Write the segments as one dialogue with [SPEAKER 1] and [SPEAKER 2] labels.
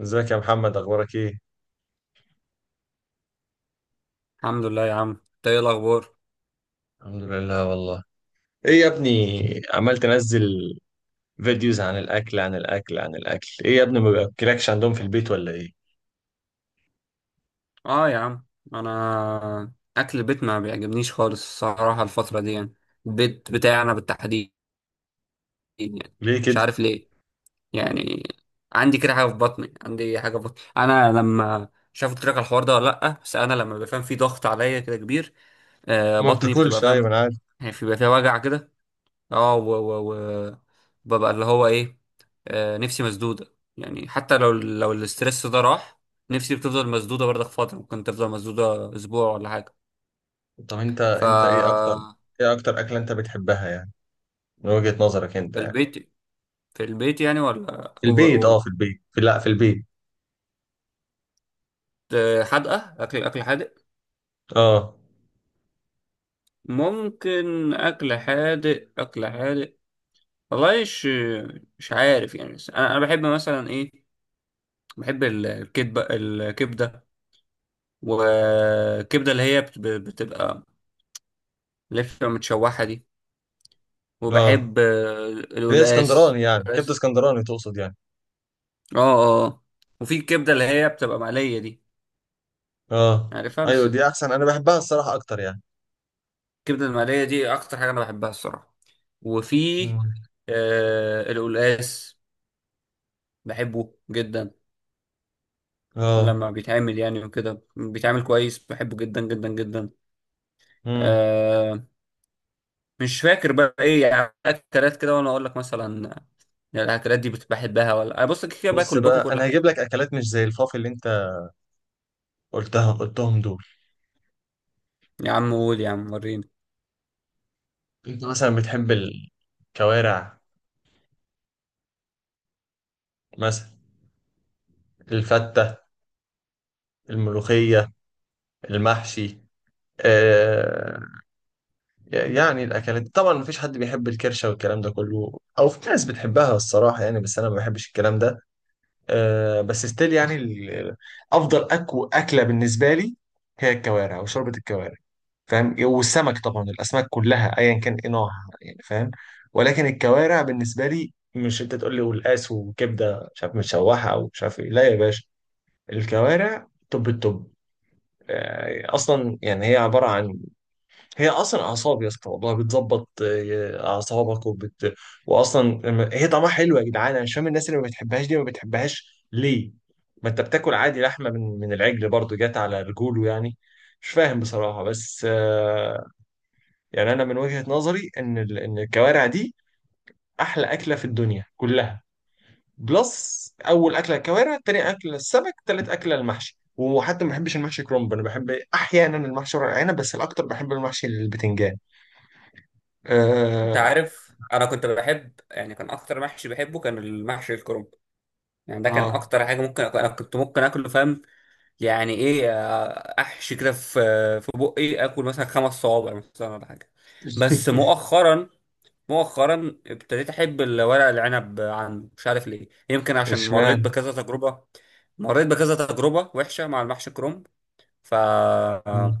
[SPEAKER 1] ازيك يا محمد، اخبارك ايه؟
[SPEAKER 2] الحمد لله يا عم، انت ايه الاخبار؟
[SPEAKER 1] الحمد لله والله. ايه يا ابني عمال تنزل فيديوز عن الاكل عن الاكل عن الاكل؟ ايه يا ابني، ما بياكلكش عندهم في البيت ولا ايه؟
[SPEAKER 2] اه يا عم. انا اكل البيت ما بيعجبنيش خالص الصراحه الفتره دي، يعني البيت بتاعنا بالتحديد، يعني
[SPEAKER 1] ليه
[SPEAKER 2] مش
[SPEAKER 1] كده؟
[SPEAKER 2] عارف ليه. يعني عندي كده حاجه في بطني، انا لما مش عارف قلت لك على الحوار ده ولا لا؟ بس انا لما بفهم في ضغط عليا كده كبير.
[SPEAKER 1] ما
[SPEAKER 2] بطني بتبقى،
[SPEAKER 1] بتاكلش، ايوه
[SPEAKER 2] فاهم؟
[SPEAKER 1] انا عارف.
[SPEAKER 2] يعني بيبقى فيها وجع كده. اه و و و ببقى اللي هو ايه، نفسي مسدودة، يعني حتى لو الاسترس ده راح، نفسي بتفضل مسدودة برضك، فترة ممكن تفضل مسدودة اسبوع ولا حاجة.
[SPEAKER 1] طب انت
[SPEAKER 2] ف
[SPEAKER 1] انت ايه اكتر ايه اكتر اكله انت بتحبها يعني؟ من وجهة نظرك انت
[SPEAKER 2] في
[SPEAKER 1] يعني.
[SPEAKER 2] البيت، يعني ولا
[SPEAKER 1] في
[SPEAKER 2] اوفر
[SPEAKER 1] البيت، اه
[SPEAKER 2] اول؟
[SPEAKER 1] في البيت، في لا في البيت.
[SPEAKER 2] حادقة، اكل اكل حادق.
[SPEAKER 1] اه
[SPEAKER 2] ممكن اكل حادق، اكل حادق. والله مش عارف يعني، بس انا بحب مثلا ايه، بحب الكبده، الكبده والكبده اللي هي بتبقى لفة متشوحة دي.
[SPEAKER 1] اه.
[SPEAKER 2] وبحب
[SPEAKER 1] اللي هي
[SPEAKER 2] القلقاس.
[SPEAKER 1] اسكندراني يعني، كبده
[SPEAKER 2] بس
[SPEAKER 1] اسكندراني تقصد يعني؟
[SPEAKER 2] اه اه. وفي الكبدة اللي هي بتبقى مقلية دي،
[SPEAKER 1] اه.
[SPEAKER 2] عارفها؟
[SPEAKER 1] ايوه
[SPEAKER 2] بس
[SPEAKER 1] دي احسن، انا بحبها الصراحه اكتر يعني.
[SPEAKER 2] الكبدة المقلية دي أكتر حاجة أنا بحبها الصراحة. وفي
[SPEAKER 1] مم.
[SPEAKER 2] القلقاس، بحبه جدا
[SPEAKER 1] اه.
[SPEAKER 2] لما بيتعمل، يعني وكده بيتعمل كويس، بحبه جدا جدا جدا.
[SPEAKER 1] مم.
[SPEAKER 2] آه. مش فاكر بقى ايه يعني اكلات كده وانا اقول لك، مثلا يعني الاكلات دي بحبها، ولا أنا بص كده كده
[SPEAKER 1] بص
[SPEAKER 2] باكل
[SPEAKER 1] بقى،
[SPEAKER 2] كل
[SPEAKER 1] انا هجيب
[SPEAKER 2] حاجه؟
[SPEAKER 1] لك اكلات مش زي الفاف اللي انت قلتهم دول.
[SPEAKER 2] يا عم قول يا عم، وريني.
[SPEAKER 1] انت مثلا بتحب الكوارع مثلا؟ الفتة، الملوخية، المحشي. آه يعني الاكلات طبعا مفيش حد بيحب الكرشة والكلام ده كله، او في ناس بتحبها الصراحة يعني، بس انا ما بحبش الكلام ده. بس ستيل يعني، افضل أكو اكلة بالنسبة لي هي الكوارع وشوربة الكوارع. فاهم؟ والسمك طبعا، الاسماك كلها ايا كان ايه نوعها يعني، فاهم؟ ولكن الكوارع بالنسبه لي، مش انت تقول لي والقاس وكبده مش عارف متشوحه او مش عارف ايه، لا يا باشا. الكوارع توب التوب. اصلا يعني هي عباره عن، هي اصلا اعصاب يا اسطى، والله بتظبط اعصابك، واصلا هي طعمها حلو يا جدعان. انا مش فاهم الناس اللي ما بتحبهاش دي ما بتحبهاش ليه. ما انت بتاكل عادي لحمه من العجل برضو، جات على رجوله يعني. مش فاهم بصراحه. بس آه، يعني انا من وجهة نظري ان ان الكوارع دي احلى اكله في الدنيا كلها. بلس، اول اكله الكوارع، تاني اكله السمك، تالت اكله المحشي، وحتى ما بحبش المحشي كرنب، انا بحب احيانا المحشي ورق العنب، بس الاكتر بحب المحشي البتنجان.
[SPEAKER 2] انت
[SPEAKER 1] اه.
[SPEAKER 2] عارف، انا كنت بحب، يعني كان اكتر محشي بحبه كان المحشي الكرنب. يعني ده كان
[SPEAKER 1] اه.
[SPEAKER 2] اكتر حاجه ممكن أكل. انا كنت ممكن اكله، فاهم؟ يعني ايه، احشي كده في، بقي اكل مثلا خمس صوابع مثلا ولا حاجه. بس مؤخرا ابتديت احب الورق العنب عنه، مش عارف ليه، يمكن عشان مريت
[SPEAKER 1] اشمعنى؟
[SPEAKER 2] بكذا تجربه. مريت بكذا تجربه وحشه مع المحشي الكرنب. ف
[SPEAKER 1] مم.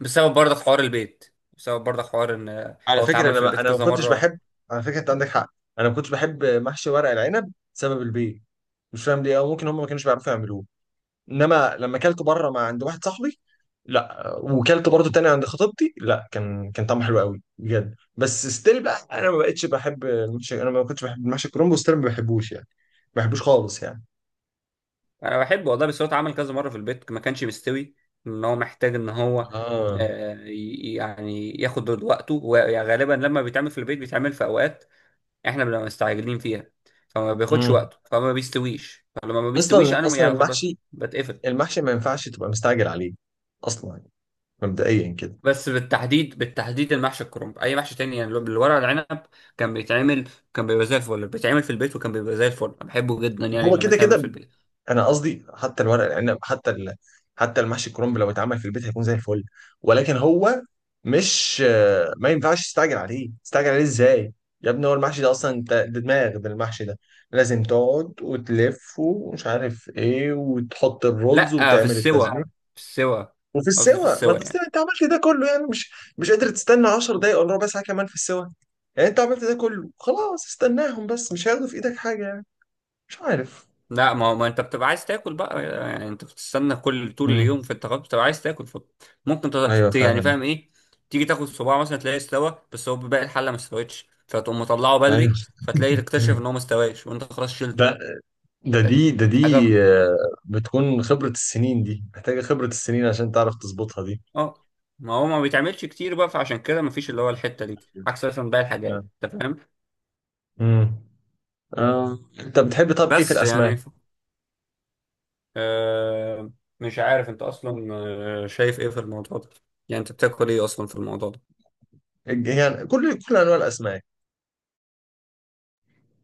[SPEAKER 2] بسبب برضه حوار البيت، بسبب برضه حوار ان
[SPEAKER 1] على
[SPEAKER 2] هو
[SPEAKER 1] فكره،
[SPEAKER 2] اتعمل في البيت
[SPEAKER 1] انا ما
[SPEAKER 2] كذا
[SPEAKER 1] كنتش
[SPEAKER 2] مره.
[SPEAKER 1] بحب. على فكره انت عندك حق، انا ما كنتش بحب محشي ورق العنب بسبب البيض. مش فاهم ليه، او ممكن هم ما كانوش بيعرفوا يعملوه. انما لما اكلته بره مع عند واحد صاحبي، لا، وكلت برضه تاني عند خطيبتي، لا كان طعمه حلو قوي بجد. بس ستيل بقى انا ما بقتش بحب المحشي، انا ما كنتش بحب المحشي الكرنب ستيل، ما بحبوش يعني، ما بحبوش خالص يعني.
[SPEAKER 2] انا بحبه والله، بس هو اتعمل كذا مره في البيت ما كانش مستوي. ان هو محتاج ان هو
[SPEAKER 1] اه.
[SPEAKER 2] يعني ياخد وقته، وغالبا لما بيتعمل في البيت بيتعمل في اوقات احنا بنبقى مستعجلين فيها، فما بياخدش
[SPEAKER 1] امم
[SPEAKER 2] وقته، فما بيستويش، فلما ما بيستويش
[SPEAKER 1] اصلا
[SPEAKER 2] انا
[SPEAKER 1] اصلا
[SPEAKER 2] يعني خلاص
[SPEAKER 1] المحشي،
[SPEAKER 2] بتقفل.
[SPEAKER 1] المحشي ما ينفعش تبقى مستعجل عليه اصلا يعني، مبدئيا كده.
[SPEAKER 2] بس بالتحديد المحشي الكرنب، اي محشي تاني يعني الورق العنب كان بيتعمل كان بيبقى زي الفل، بيتعمل في البيت وكان بيبقى زي الفل بحبه جدا، يعني
[SPEAKER 1] هو
[SPEAKER 2] لما
[SPEAKER 1] كده
[SPEAKER 2] يتعمل في
[SPEAKER 1] كده،
[SPEAKER 2] البيت.
[SPEAKER 1] انا قصدي حتى الورق العنب، حتى المحشي الكرنب لو اتعمل في البيت هيكون زي الفل. ولكن هو مش آه، ما ينفعش تستعجل عليه. تستعجل عليه ازاي يا ابني؟ هو المحشي ده اصلا، انت ده دماغ ده المحشي ده. لازم تقعد وتلف ومش عارف ايه وتحط الرز
[SPEAKER 2] لا، في
[SPEAKER 1] وتعمل
[SPEAKER 2] السوا،
[SPEAKER 1] التسبيك،
[SPEAKER 2] في السوا،
[SPEAKER 1] وفي
[SPEAKER 2] قصدي في
[SPEAKER 1] السوا ما
[SPEAKER 2] السوا
[SPEAKER 1] انت أصلاً
[SPEAKER 2] يعني.
[SPEAKER 1] انت عملت ده كله يعني. مش قادر تستنى 10 دقايق ولا ربع ساعه كمان في السوا؟ يعني انت عملت ده كله، خلاص استناهم بس، مش هياخدوا في ايدك حاجه يعني. مش عارف.
[SPEAKER 2] لا ما هو ما انت بتبقى عايز تاكل بقى. يعني انت بتستنى كل طول
[SPEAKER 1] امم.
[SPEAKER 2] اليوم في التغدي، بتبقى عايز تاكل، فممكن
[SPEAKER 1] ايوه
[SPEAKER 2] يعني،
[SPEAKER 1] فاهم.
[SPEAKER 2] فاهم ايه، تيجي تاخد صباع مثلا تلاقيه استوى، بس هو باقي الحله ما استوتش، فتقوم مطلعه
[SPEAKER 1] ايوه،
[SPEAKER 2] بدري، فتلاقي تكتشف ان هو ما استواش وانت خلاص شلته.
[SPEAKER 1] ده
[SPEAKER 2] ده
[SPEAKER 1] ده دي.
[SPEAKER 2] حاجه.
[SPEAKER 1] آه، بتكون خبرة السنين دي، محتاجة خبرة السنين عشان تعرف تظبطها دي.
[SPEAKER 2] اه. ما هو ما بيتعملش كتير بقى، فعشان كده ما فيش اللي هو الحته دي، عكس مثلا باقي
[SPEAKER 1] آه.
[SPEAKER 2] الحاجات، انت فاهم؟
[SPEAKER 1] امم. اه انت بتحب، طب ايه في
[SPEAKER 2] بس يعني
[SPEAKER 1] الاسماك؟
[SPEAKER 2] آه... مش عارف انت اصلا شايف ايه في الموضوع ده، يعني انت بتاكل ايه اصلا في الموضوع ده؟
[SPEAKER 1] يعني كل انواع الاسماك،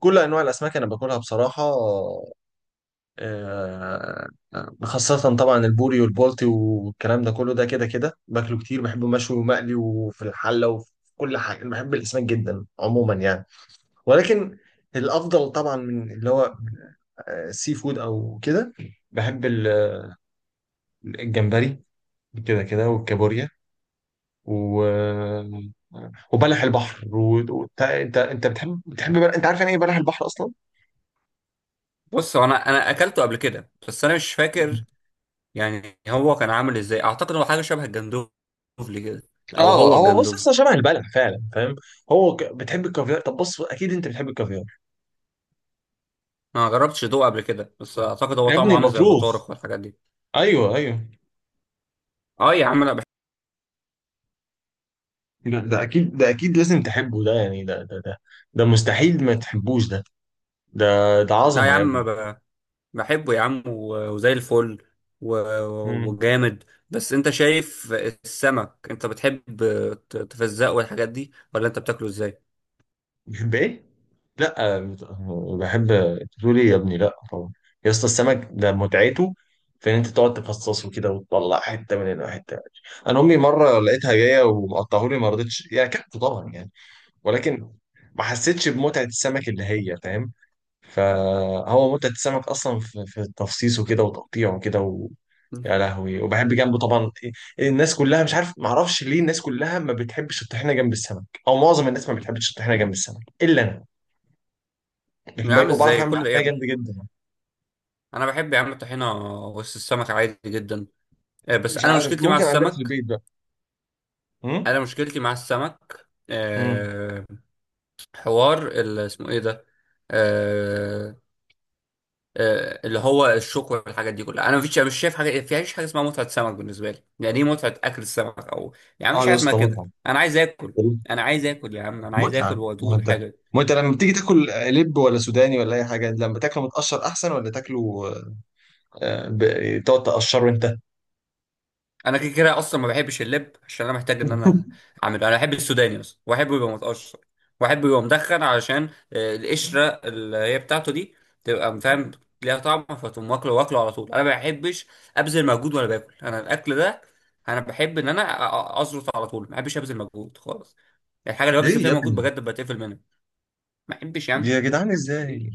[SPEAKER 1] كل انواع الاسماك انا باكلها بصراحة. آه، خاصة طبعا البوري والبولتي والكلام ده كله، ده كده كده باكله كتير، بحبه مشوي ومقلي وفي الحلة وفي كل حاجة. أنا بحب الاسماك جدا عموما يعني. ولكن الافضل طبعا من اللي هو سي فود او كده، بحب الجمبري كده كده، والكابوريا، و وبلح البحر. وانت انت بتحب، انت عارف يعني ايه بلح البحر اصلا؟
[SPEAKER 2] بص، هو انا اكلته قبل كده بس انا مش
[SPEAKER 1] مم.
[SPEAKER 2] فاكر يعني هو كان عامل ازاي، اعتقد هو حاجه شبه الجندوفلي كده، او
[SPEAKER 1] اه
[SPEAKER 2] هو
[SPEAKER 1] هو بص
[SPEAKER 2] الجندوفلي.
[SPEAKER 1] اصلا شبه البلح فعلا، فاهم؟ بتحب الكافيار؟ طب بص اكيد انت بتحب الكافيار.
[SPEAKER 2] انا ما جربتش ادوقه قبل كده، بس اعتقد هو
[SPEAKER 1] يا ابني
[SPEAKER 2] طعمه عامل زي
[SPEAKER 1] البطروخ،
[SPEAKER 2] البطارخ والحاجات دي.
[SPEAKER 1] ايوه ايوه.
[SPEAKER 2] اه يا عم انا بحب.
[SPEAKER 1] ده، ده اكيد، ده اكيد لازم تحبه ده يعني، ده، ده مستحيل ما تحبوش ده. ده، ده
[SPEAKER 2] لا يا
[SPEAKER 1] عظمه يا
[SPEAKER 2] عم،
[SPEAKER 1] ابني.
[SPEAKER 2] بحبه يا عم، وزي الفل، و-
[SPEAKER 1] مم.
[SPEAKER 2] وجامد. بس انت شايف السمك انت بتحب تفزقه والحاجات دي، ولا انت بتاكله ازاي؟
[SPEAKER 1] بتحب ايه؟ لا بت- بحب، تقول ايه يا ابني؟ لا طبعا، يا اسطى السمك ده متعته في ان انت تقعد تفصصه كده، وتطلع حته من هنا وحته من هنا. انا امي مره لقيتها جايه ومقطعه لي، ما رضيتش، يعني اكلته طبعا يعني، ولكن ما حسيتش بمتعه السمك اللي هي، فاهم؟ فهو متعه السمك اصلا في، في تفصيصه كده وتقطيعه كده و... يا لهوي. وبحب جنبه طبعا. الناس كلها مش عارف، ما اعرفش ليه الناس كلها ما بتحبش الطحينه جنب السمك، او معظم الناس ما بتحبش الطحينه جنب السمك الا انا،
[SPEAKER 2] يا
[SPEAKER 1] الباقي.
[SPEAKER 2] عم
[SPEAKER 1] وبعرف
[SPEAKER 2] ازاي
[SPEAKER 1] اعمل
[SPEAKER 2] كل ايه يا
[SPEAKER 1] حاجه
[SPEAKER 2] عم؟
[SPEAKER 1] جامده جدا.
[SPEAKER 2] انا بحب يا عم الطحينه وسط السمك عادي جدا. بس
[SPEAKER 1] مش
[SPEAKER 2] انا
[SPEAKER 1] عارف،
[SPEAKER 2] مشكلتي مع
[SPEAKER 1] ممكن عندنا في
[SPEAKER 2] السمك،
[SPEAKER 1] البيت بقى. امم.
[SPEAKER 2] انا مشكلتي مع السمك
[SPEAKER 1] امم.
[SPEAKER 2] حوار اسمه ايه ده، آه، اللي هو الشوك والحاجات دي كلها، انا مفيش، مش شايف حاجه، فيش حاجه اسمها متعه سمك بالنسبه لي. يعني ايه متعه اكل السمك؟ او يعني
[SPEAKER 1] اه
[SPEAKER 2] مفيش
[SPEAKER 1] يا
[SPEAKER 2] حاجه اسمها
[SPEAKER 1] اسطى
[SPEAKER 2] كده،
[SPEAKER 1] متعه.
[SPEAKER 2] انا عايز اكل، انا عايز اكل يا عم، انا عايز اكل
[SPEAKER 1] متعه، ما
[SPEAKER 2] وادوق
[SPEAKER 1] انت،
[SPEAKER 2] الحاجه.
[SPEAKER 1] ما انت لما بتيجي تاكل لب ولا سوداني ولا اي حاجه، لما تاكله متقشر احسن ولا تاكله تقعد تقشره انت؟
[SPEAKER 2] انا كده كده اصلا ما بحبش اللب عشان انا محتاج ان انا اعمله. انا بحب السوداني اصلا، واحبه يبقى متقشر، واحبه يبقى مدخن علشان القشره اللي هي بتاعته دي تبقى، فاهم، ليها طعم، فتقوم واكله واكله على طول. انا ما بحبش ابذل مجهود وانا باكل انا الاكل ده. انا بحب ان انا ازرط على طول، ما بحبش ابذل مجهود خالص. الحاجه اللي ببذل
[SPEAKER 1] ليه
[SPEAKER 2] فيها
[SPEAKER 1] يا
[SPEAKER 2] مجهود
[SPEAKER 1] ابني؟
[SPEAKER 2] بجد بتقفل منها. ما بحبش يا
[SPEAKER 1] يا
[SPEAKER 2] عم.
[SPEAKER 1] جدعان ازاي؟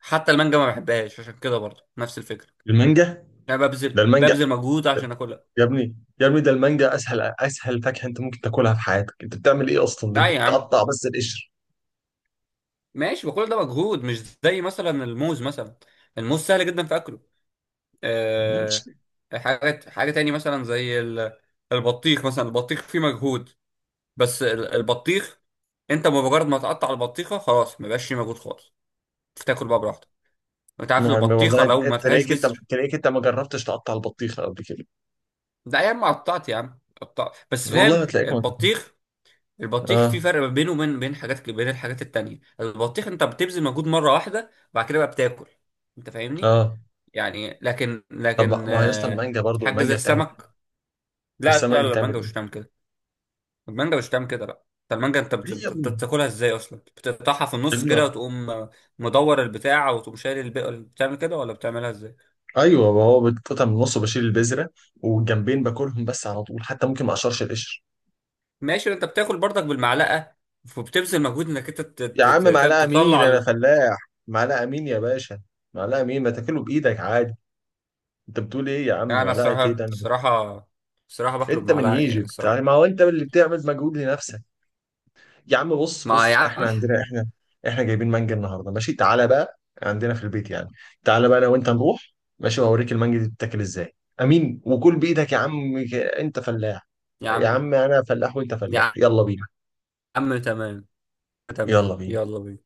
[SPEAKER 2] حتى المانجا ما بحبهاش عشان كده برضه نفس الفكره.
[SPEAKER 1] المانجا؟
[SPEAKER 2] انا
[SPEAKER 1] ده المانجا
[SPEAKER 2] ببذل مجهود عشان اكلها.
[SPEAKER 1] يا ابني، يا ابني ده المانجا اسهل فاكهه انت ممكن تاكلها في حياتك. انت بتعمل ايه اصلا؟ ده
[SPEAKER 2] لا
[SPEAKER 1] انت
[SPEAKER 2] يا عم،
[SPEAKER 1] بتقطع بس القشر.
[SPEAKER 2] ماشي بقول ده مجهود، مش زي مثلا الموز مثلا، الموز سهل جدا في اكله. أه. حاجه تاني مثلا زي البطيخ مثلا، البطيخ فيه مجهود، بس البطيخ انت بمجرد ما تقطع البطيخه خلاص ما بقاش فيه مجهود خالص، تاكل بقى براحتك. انت عارف
[SPEAKER 1] نعم
[SPEAKER 2] البطيخه
[SPEAKER 1] والله،
[SPEAKER 2] لو ما فيهاش
[SPEAKER 1] تلاقيك، انت
[SPEAKER 2] بذر؟
[SPEAKER 1] تلاقيك انت ما جربتش تقطع البطيخه قبل كده.
[SPEAKER 2] ده يا عم قطعت، يا عم قطعت بس، فاهم؟
[SPEAKER 1] والله هتلاقيك ما.
[SPEAKER 2] البطيخ، البطيخ في
[SPEAKER 1] اه.
[SPEAKER 2] فرق ما بينه وبين حاجات، بين الحاجات التانية. البطيخ انت بتبذل مجهود مره واحده، بعد كده بقى بتاكل، انت فاهمني؟
[SPEAKER 1] اه.
[SPEAKER 2] يعني
[SPEAKER 1] طب
[SPEAKER 2] لكن
[SPEAKER 1] ما هي اصلا المانجا برضو،
[SPEAKER 2] حاجه زي
[SPEAKER 1] المانجا بتعمل ايه؟
[SPEAKER 2] السمك. لا لا
[SPEAKER 1] والسمك
[SPEAKER 2] لا،
[SPEAKER 1] بتعمل
[SPEAKER 2] المانجا مش
[SPEAKER 1] ايه؟
[SPEAKER 2] بتعمل كده، المانجا مش بتعمل كده لا. انت المانجا انت
[SPEAKER 1] ليه يا ابني؟
[SPEAKER 2] بتاكلها ازاي اصلا؟ بتقطعها في
[SPEAKER 1] يا
[SPEAKER 2] النص
[SPEAKER 1] ابني،
[SPEAKER 2] كده وتقوم مدور البتاع، وتقوم شايل البقى، بتعمل كده ولا بتعملها ازاي؟
[SPEAKER 1] ايوه ما هو بتقطع من النص وبشيل البذره، والجنبين باكلهم بس على طول، حتى ممكن ما اقشرش القشر.
[SPEAKER 2] ماشي، انت بتاكل برضك بالمعلقه، وبتبذل مجهود انك انت
[SPEAKER 1] يا عم
[SPEAKER 2] فاهم،
[SPEAKER 1] معلقه مين؟
[SPEAKER 2] تطلع
[SPEAKER 1] انا فلاح. معلقه مين يا باشا؟ معلقه مين؟ ما تاكله بايدك عادي. انت بتقول ايه يا عم
[SPEAKER 2] لا انا
[SPEAKER 1] معلقه ايه
[SPEAKER 2] الصراحه،
[SPEAKER 1] ده
[SPEAKER 2] الصراحه باكله
[SPEAKER 1] انت من
[SPEAKER 2] بمعلقه، يعني
[SPEAKER 1] ايجيبت يعني،
[SPEAKER 2] الصراحه.
[SPEAKER 1] ما هو انت اللي بتعمل مجهود لنفسك. يا عم بص
[SPEAKER 2] ما
[SPEAKER 1] بص
[SPEAKER 2] يا
[SPEAKER 1] احنا
[SPEAKER 2] عم،
[SPEAKER 1] عندنا، احنا احنا جايبين مانجا النهارده ماشي. تعالى بقى عندنا في البيت يعني، تعالى بقى انا وانت نروح ماشي، واوريك المانجا دي بتتاكل ازاي. امين، وكل بايدك يا عم انت فلاح.
[SPEAKER 2] يا
[SPEAKER 1] يا
[SPEAKER 2] عم
[SPEAKER 1] عم انا فلاح وانت فلاح،
[SPEAKER 2] يا
[SPEAKER 1] يلا بينا.
[SPEAKER 2] عم تمام.
[SPEAKER 1] يلا
[SPEAKER 2] تمام،
[SPEAKER 1] بينا.
[SPEAKER 2] يلا بينا.